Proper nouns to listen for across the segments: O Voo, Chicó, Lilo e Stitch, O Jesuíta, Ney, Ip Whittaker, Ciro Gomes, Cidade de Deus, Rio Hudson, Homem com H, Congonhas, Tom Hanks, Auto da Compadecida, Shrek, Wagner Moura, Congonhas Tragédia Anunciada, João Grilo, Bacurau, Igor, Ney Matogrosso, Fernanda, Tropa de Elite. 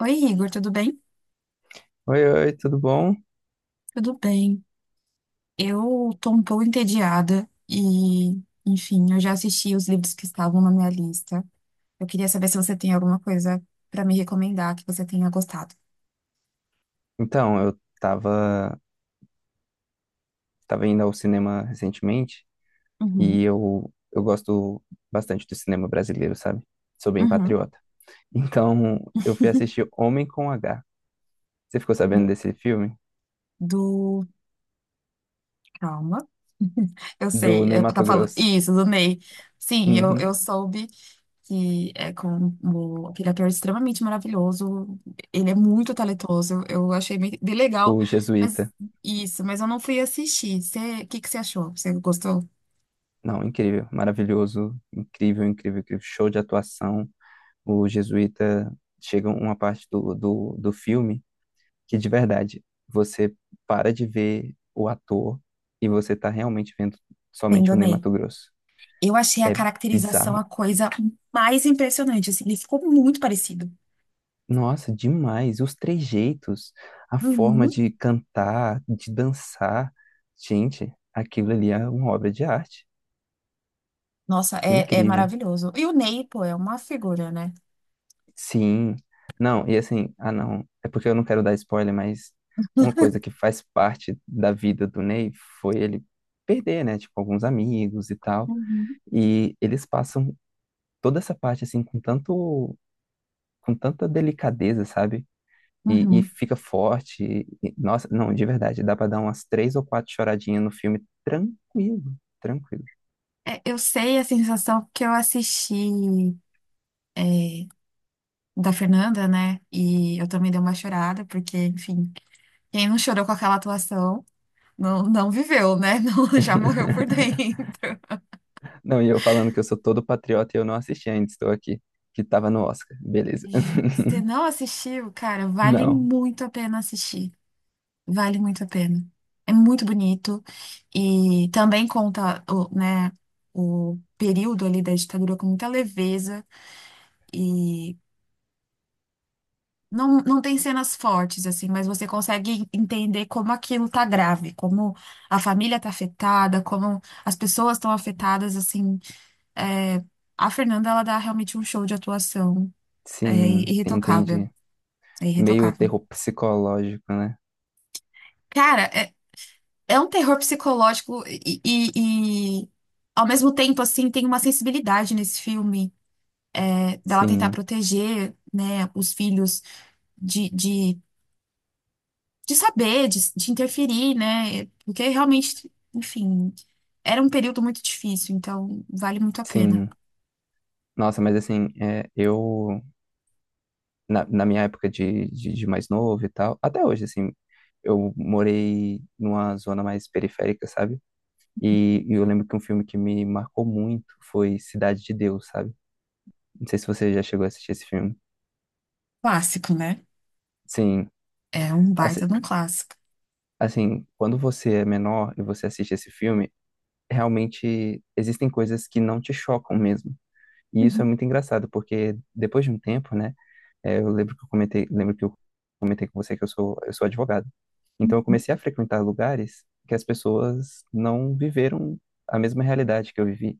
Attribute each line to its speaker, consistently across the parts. Speaker 1: Oi, Igor, tudo bem?
Speaker 2: Oi, oi, tudo bom?
Speaker 1: Tudo bem. Eu tô um pouco entediada e, enfim, eu já assisti os livros que estavam na minha lista. Eu queria saber se você tem alguma coisa pra me recomendar que você tenha gostado.
Speaker 2: Então, tava indo ao cinema recentemente e
Speaker 1: Uhum,
Speaker 2: eu gosto bastante do cinema brasileiro, sabe? Sou bem
Speaker 1: uhum.
Speaker 2: patriota. Então, eu fui assistir Homem com H. Você ficou sabendo desse filme?
Speaker 1: Do, calma. Eu
Speaker 2: Do
Speaker 1: sei,
Speaker 2: Ney
Speaker 1: eu tá falando.
Speaker 2: Matogrosso.
Speaker 1: Isso, do Ney. Sim, eu
Speaker 2: Uhum.
Speaker 1: soube que é com aquele ator extremamente maravilhoso. Ele é muito talentoso. Eu achei bem, bem legal.
Speaker 2: O
Speaker 1: Mas
Speaker 2: Jesuíta.
Speaker 1: isso, mas eu não fui assistir. O que que você achou? Você gostou?
Speaker 2: Não, incrível, maravilhoso, incrível, incrível, incrível. Show de atuação. O Jesuíta chega uma parte do filme, que de verdade você para de ver o ator e você tá realmente vendo
Speaker 1: Bem,
Speaker 2: somente
Speaker 1: do
Speaker 2: o Ney
Speaker 1: Ney.
Speaker 2: Matogrosso.
Speaker 1: Eu achei a
Speaker 2: É
Speaker 1: caracterização a
Speaker 2: bizarro.
Speaker 1: coisa mais impressionante. Assim, ele ficou muito parecido.
Speaker 2: Nossa, demais. Os trejeitos, a forma
Speaker 1: Uhum.
Speaker 2: de cantar, de dançar. Gente, aquilo ali é uma obra de arte.
Speaker 1: Nossa, é
Speaker 2: Incrível.
Speaker 1: maravilhoso. E o Ney, pô, é uma figura, né?
Speaker 2: Sim. Não, e assim, ah não, é porque eu não quero dar spoiler, mas uma coisa que faz parte da vida do Ney foi ele perder, né, tipo, alguns amigos e tal.
Speaker 1: Uhum.
Speaker 2: E eles passam toda essa parte assim com tanta delicadeza, sabe? E
Speaker 1: Uhum.
Speaker 2: fica forte. Nossa, não, de verdade, dá pra dar umas três ou quatro choradinhas no filme, tranquilo, tranquilo.
Speaker 1: É, eu sei a sensação porque eu assisti. É, da Fernanda, né? E eu também dei uma chorada, porque, enfim, quem não chorou com aquela atuação não, não viveu, né? Não, já morreu por dentro.
Speaker 2: Não, e eu falando que eu sou todo patriota e eu não assisti ainda, estou aqui, que tava no Oscar, beleza.
Speaker 1: Se não assistiu, cara, vale
Speaker 2: Não,
Speaker 1: muito a pena assistir. Vale muito a pena. É muito bonito e também conta o, né, o período ali da ditadura com muita leveza e. Não, não tem cenas fortes, assim, mas você consegue entender como aquilo tá grave, como a família tá afetada, como as pessoas estão afetadas, assim. É, a Fernanda, ela dá realmente um show de atuação. É
Speaker 2: sim,
Speaker 1: irretocável.
Speaker 2: entendi.
Speaker 1: É
Speaker 2: Meio
Speaker 1: irretocável.
Speaker 2: terror psicológico, né?
Speaker 1: Cara, é, é um terror psicológico e, ao mesmo tempo, assim, tem uma sensibilidade nesse filme, é, dela tentar
Speaker 2: Sim,
Speaker 1: proteger, né, os filhos de de de saber, de interferir, né? Porque realmente, enfim, era um período muito difícil, então vale muito a pena.
Speaker 2: sim. Nossa, mas assim, é, eu na minha época de mais novo e tal, até hoje, assim, eu morei numa zona mais periférica, sabe? E eu lembro que um filme que me marcou muito foi Cidade de Deus, sabe? Não sei se você já chegou a assistir esse filme.
Speaker 1: Clássico, né?
Speaker 2: Sim,
Speaker 1: É um baita
Speaker 2: assi-
Speaker 1: de um clássico.
Speaker 2: assim, quando você é menor e você assiste esse filme, realmente existem coisas que não te chocam mesmo. E isso é
Speaker 1: Uhum,
Speaker 2: muito engraçado, porque depois de um tempo, né? É, eu lembro que eu comentei, lembro que eu comentei com você que eu sou advogado. Então eu
Speaker 1: uhum.
Speaker 2: comecei a frequentar lugares que as pessoas não viveram a mesma realidade que eu vivi.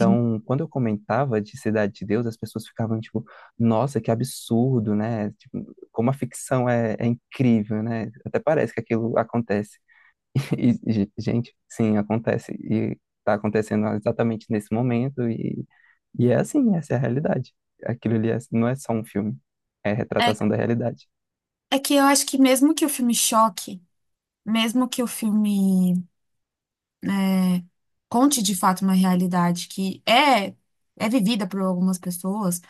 Speaker 1: Sim.
Speaker 2: quando eu comentava de Cidade de Deus, as pessoas ficavam tipo, nossa, que absurdo, né? Tipo, como a ficção é incrível, né? Até parece que aquilo acontece. E, gente, sim, acontece. E tá acontecendo exatamente nesse momento. E é assim, essa é a realidade. Aquilo ali não é só um filme, é a
Speaker 1: É,
Speaker 2: retratação da realidade.
Speaker 1: é que eu acho que mesmo que o filme choque, mesmo que o filme, né, conte de fato uma realidade que é vivida por algumas pessoas,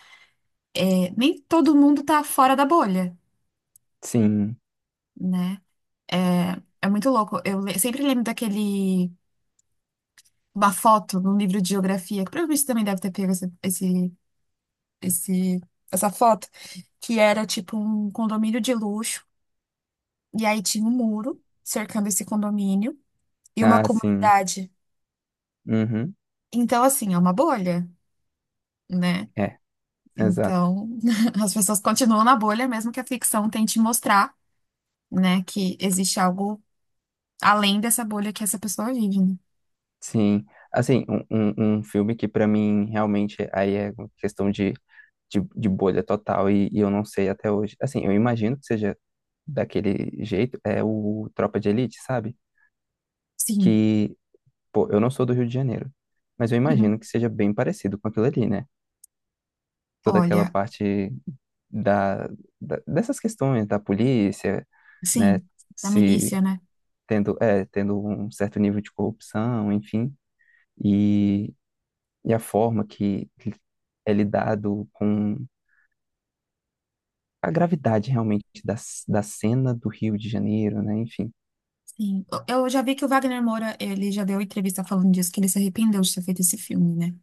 Speaker 1: é, nem todo mundo tá fora da bolha,
Speaker 2: Sim,
Speaker 1: né? É, é muito louco. Sempre lembro daquele, uma foto num livro de geografia, que provavelmente você também deve ter pego esse- essa foto, que era tipo um condomínio de luxo, e aí tinha um muro cercando esse condomínio e uma
Speaker 2: ah, sim.
Speaker 1: comunidade.
Speaker 2: Uhum.
Speaker 1: Então, assim, é uma bolha, né?
Speaker 2: É, exato.
Speaker 1: Então, as pessoas continuam na bolha, mesmo que a ficção tente mostrar, né, que existe algo além dessa bolha que essa pessoa vive, né?
Speaker 2: Sim. Assim, um filme que pra mim realmente aí é uma questão de bolha total e eu não sei até hoje. Assim, eu imagino que seja daquele jeito, é o Tropa de Elite, sabe?
Speaker 1: Sim.
Speaker 2: Que pô, eu não sou do Rio de Janeiro, mas eu imagino
Speaker 1: Uhum.
Speaker 2: que seja bem parecido com aquilo ali, né? Toda aquela
Speaker 1: Olha,
Speaker 2: parte da, dessas questões da polícia, né?
Speaker 1: sim, da
Speaker 2: Se
Speaker 1: milícia, né?
Speaker 2: Tendo, é, tendo um certo nível de corrupção, enfim, e, e a forma que é lidado com a gravidade realmente da cena do Rio de Janeiro, né? Enfim.
Speaker 1: Sim. Eu já vi que o Wagner Moura, ele já deu entrevista falando disso, que ele se arrependeu de ter feito esse filme, né?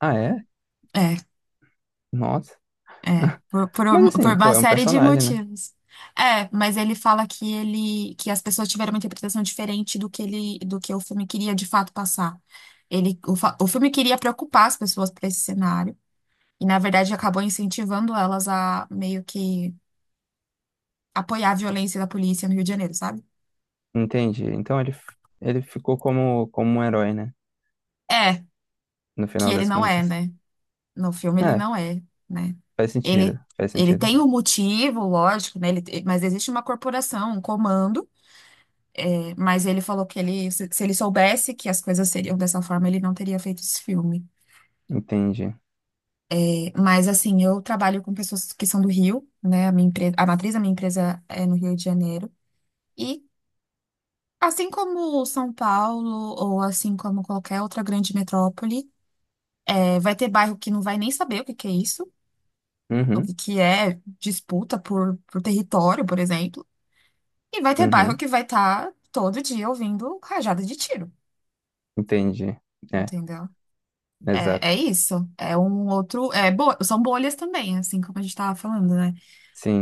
Speaker 2: Ah, é?
Speaker 1: É,
Speaker 2: Nossa.
Speaker 1: é.
Speaker 2: Mas
Speaker 1: Por
Speaker 2: assim, pô,
Speaker 1: uma
Speaker 2: é um
Speaker 1: série de
Speaker 2: personagem, né?
Speaker 1: motivos. É, mas ele fala que ele, que as pessoas tiveram uma interpretação diferente do que ele, do que o filme queria de fato passar. Ele, o filme queria preocupar as pessoas para esse cenário, e na verdade acabou incentivando elas a meio que apoiar a violência da polícia no Rio de Janeiro, sabe?
Speaker 2: Entende? Então ele ficou como, como um herói, né?
Speaker 1: É,
Speaker 2: No
Speaker 1: que
Speaker 2: final
Speaker 1: ele
Speaker 2: das
Speaker 1: não é,
Speaker 2: contas.
Speaker 1: né? No filme ele
Speaker 2: É,
Speaker 1: não é, né?
Speaker 2: faz sentido,
Speaker 1: Ele,
Speaker 2: faz
Speaker 1: ele
Speaker 2: sentido.
Speaker 1: tem um motivo, lógico, né? Ele, mas existe uma corporação, um comando, é, mas ele falou que ele, se ele soubesse que as coisas seriam dessa forma, ele não teria feito esse filme.
Speaker 2: Entendi.
Speaker 1: É. Mas assim, eu trabalho com pessoas que são do Rio, né? A minha empresa, a matriz da minha empresa é no Rio de Janeiro. E assim como São Paulo, ou assim como qualquer outra grande metrópole, é, vai ter bairro que não vai nem saber o que que é isso. O
Speaker 2: Uhum,
Speaker 1: que que é disputa por território, por exemplo. E vai ter bairro
Speaker 2: uhum,
Speaker 1: que vai estar todo dia ouvindo rajada de tiro,
Speaker 2: entendi. É,
Speaker 1: entendeu? É,
Speaker 2: exato.
Speaker 1: é isso. É um outro. É, são bolhas também, assim como a gente estava falando, né?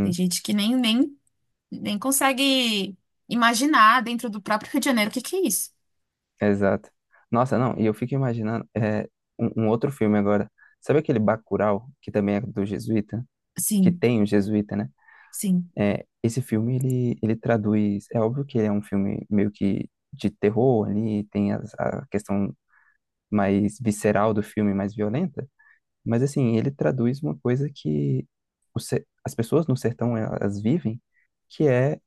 Speaker 1: Tem gente que nem consegue imaginar dentro do próprio Rio de Janeiro o que que é isso.
Speaker 2: exato. Nossa, não, e eu fico imaginando é, um outro filme agora. Sabe aquele Bacurau, que também é do Jesuíta? Que
Speaker 1: Sim,
Speaker 2: tem o Jesuíta, né?
Speaker 1: sim.
Speaker 2: É, esse filme, ele traduz... É óbvio que ele é um filme meio que de terror ali, tem a questão mais visceral do filme, mais violenta. Mas assim, ele traduz uma coisa que as pessoas no sertão eh, elas vivem, que é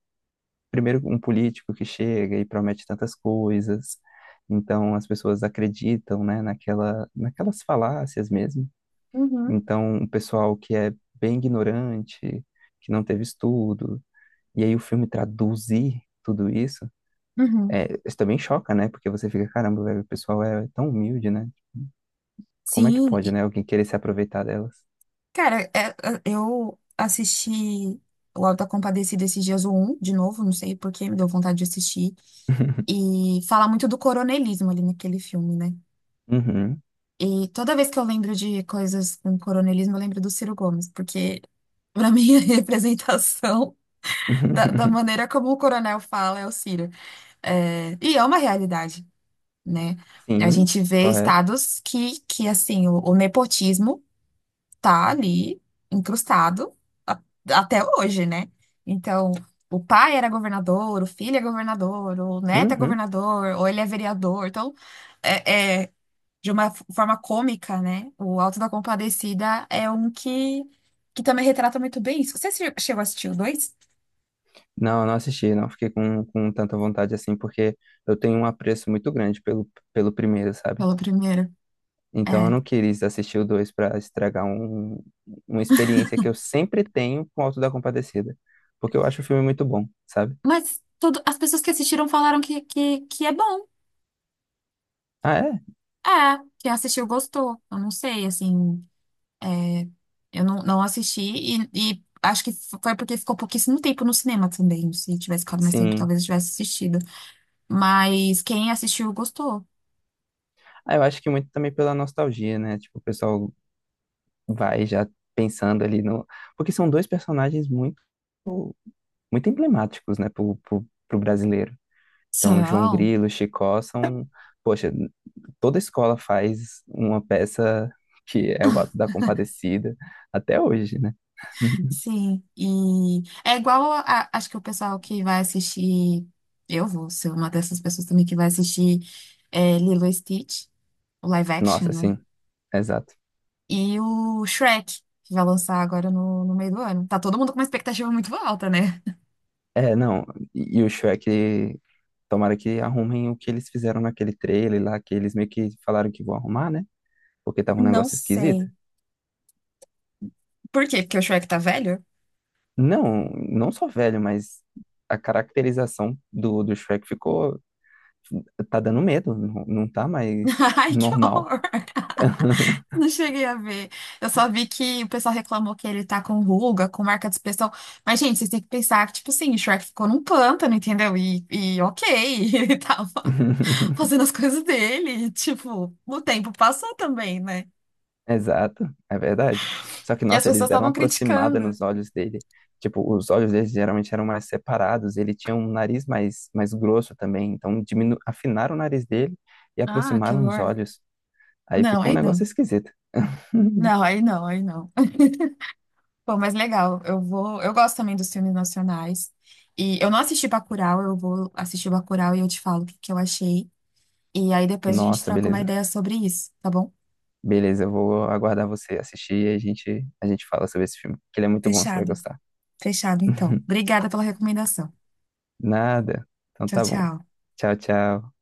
Speaker 2: primeiro um político que chega e promete tantas coisas. Então as pessoas acreditam, né, naquelas falácias mesmo.
Speaker 1: Uhum.
Speaker 2: Então o pessoal que é bem ignorante, que não teve estudo, e aí o filme traduzir tudo isso,
Speaker 1: Uhum.
Speaker 2: é, isso também choca, né? Porque você fica, caramba, velho, o pessoal é tão humilde, né? Como é que
Speaker 1: Sim.
Speaker 2: pode,
Speaker 1: E,
Speaker 2: né, alguém querer se aproveitar delas?
Speaker 1: cara, eu assisti o Auto da Compadecida esses dias, o um de novo, não sei por que, me deu vontade de assistir. E fala muito do coronelismo ali naquele filme, né?
Speaker 2: Uhum.
Speaker 1: E toda vez que eu lembro de coisas com coronelismo, eu lembro do Ciro Gomes, porque para mim a representação da maneira como o coronel fala é o Ciro. É, e é uma realidade, né? A
Speaker 2: Sim,
Speaker 1: gente vê
Speaker 2: correto.
Speaker 1: estados que assim, o nepotismo tá ali incrustado a- até hoje, né? Então, o pai era governador, o filho é governador, o neto é
Speaker 2: Uhum.
Speaker 1: governador, ou ele é vereador. Então, é, é de uma forma cômica, né? O Alto da Compadecida é um que também retrata muito bem isso. Você chegou a assistir o dois?
Speaker 2: Não, eu não assisti, não fiquei com tanta vontade assim, porque eu tenho um apreço muito grande pelo primeiro, sabe?
Speaker 1: Pelo primeiro. É.
Speaker 2: Então eu não quis assistir o dois pra estragar uma experiência que eu sempre tenho com o Auto da Compadecida, porque eu acho o filme muito bom, sabe?
Speaker 1: Mas tudo, as pessoas que assistiram falaram que, que é bom.
Speaker 2: Ah, é?
Speaker 1: É, quem assistiu gostou. Eu não sei, assim. É, eu não, não assisti e acho que foi porque ficou pouquíssimo tempo no cinema também. Se tivesse ficado mais tempo,
Speaker 2: Sim.
Speaker 1: talvez eu tivesse assistido. Mas quem assistiu gostou.
Speaker 2: Ah, eu acho que muito também pela nostalgia, né? Tipo, o pessoal vai já pensando ali no. Porque são dois personagens muito, muito emblemáticos, né, pro brasileiro. Então, João
Speaker 1: São.
Speaker 2: Grilo, Chicó são, poxa, toda escola faz uma peça que é o Ato da Compadecida até hoje, né?
Speaker 1: Sim, e é igual acho que o pessoal que vai assistir, eu vou ser uma dessas pessoas também que vai assistir, é, Lilo e Stitch, o live action,
Speaker 2: Nossa,
Speaker 1: né?
Speaker 2: sim, exato.
Speaker 1: E o Shrek, que vai lançar agora no meio do ano. Tá todo mundo com uma expectativa muito alta, né?
Speaker 2: É, não, e o Shrek, tomara que arrumem o que eles fizeram naquele trailer lá, que eles meio que falaram que vão arrumar, né? Porque tava um
Speaker 1: Não
Speaker 2: negócio esquisito.
Speaker 1: sei. Por quê? Porque o Shrek tá velho?
Speaker 2: Não, não só velho, mas a caracterização do Shrek ficou, tá dando medo, não, não tá mais
Speaker 1: Ai, que
Speaker 2: normal.
Speaker 1: horror! Não cheguei a ver. Eu só vi que o pessoal reclamou que ele tá com ruga, com marca de expressão. Mas, gente, vocês têm que pensar que, tipo assim, o Shrek ficou num pântano, entendeu? E ok, ele tava fazendo as coisas dele. E, tipo, o tempo passou também, né?
Speaker 2: Exato, é verdade. Só que,
Speaker 1: E as
Speaker 2: nossa, eles
Speaker 1: pessoas
Speaker 2: deram uma
Speaker 1: estavam
Speaker 2: aproximada
Speaker 1: criticando.
Speaker 2: nos olhos dele. Tipo, os olhos dele geralmente eram mais separados, ele tinha um nariz mais, mais grosso também, então diminu... afinaram o nariz dele e
Speaker 1: Ah, que
Speaker 2: aproximaram os
Speaker 1: horror.
Speaker 2: olhos. Aí
Speaker 1: Não,
Speaker 2: ficou um
Speaker 1: aí
Speaker 2: negócio
Speaker 1: não.
Speaker 2: esquisito.
Speaker 1: Não, aí não, aí não. Bom, mas legal, eu vou. Eu gosto também dos filmes nacionais. E eu não assisti Bacurau, eu vou assistir Bacurau e eu te falo o que que eu achei. E aí depois a gente
Speaker 2: Nossa,
Speaker 1: troca uma
Speaker 2: beleza.
Speaker 1: ideia sobre isso, tá bom?
Speaker 2: Beleza, eu vou aguardar você assistir e a gente fala sobre esse filme, que ele é muito bom, você vai
Speaker 1: Fechado.
Speaker 2: gostar.
Speaker 1: Fechado, então. Obrigada pela recomendação.
Speaker 2: Nada. Então
Speaker 1: Tchau,
Speaker 2: tá bom.
Speaker 1: tchau.
Speaker 2: Tchau, tchau.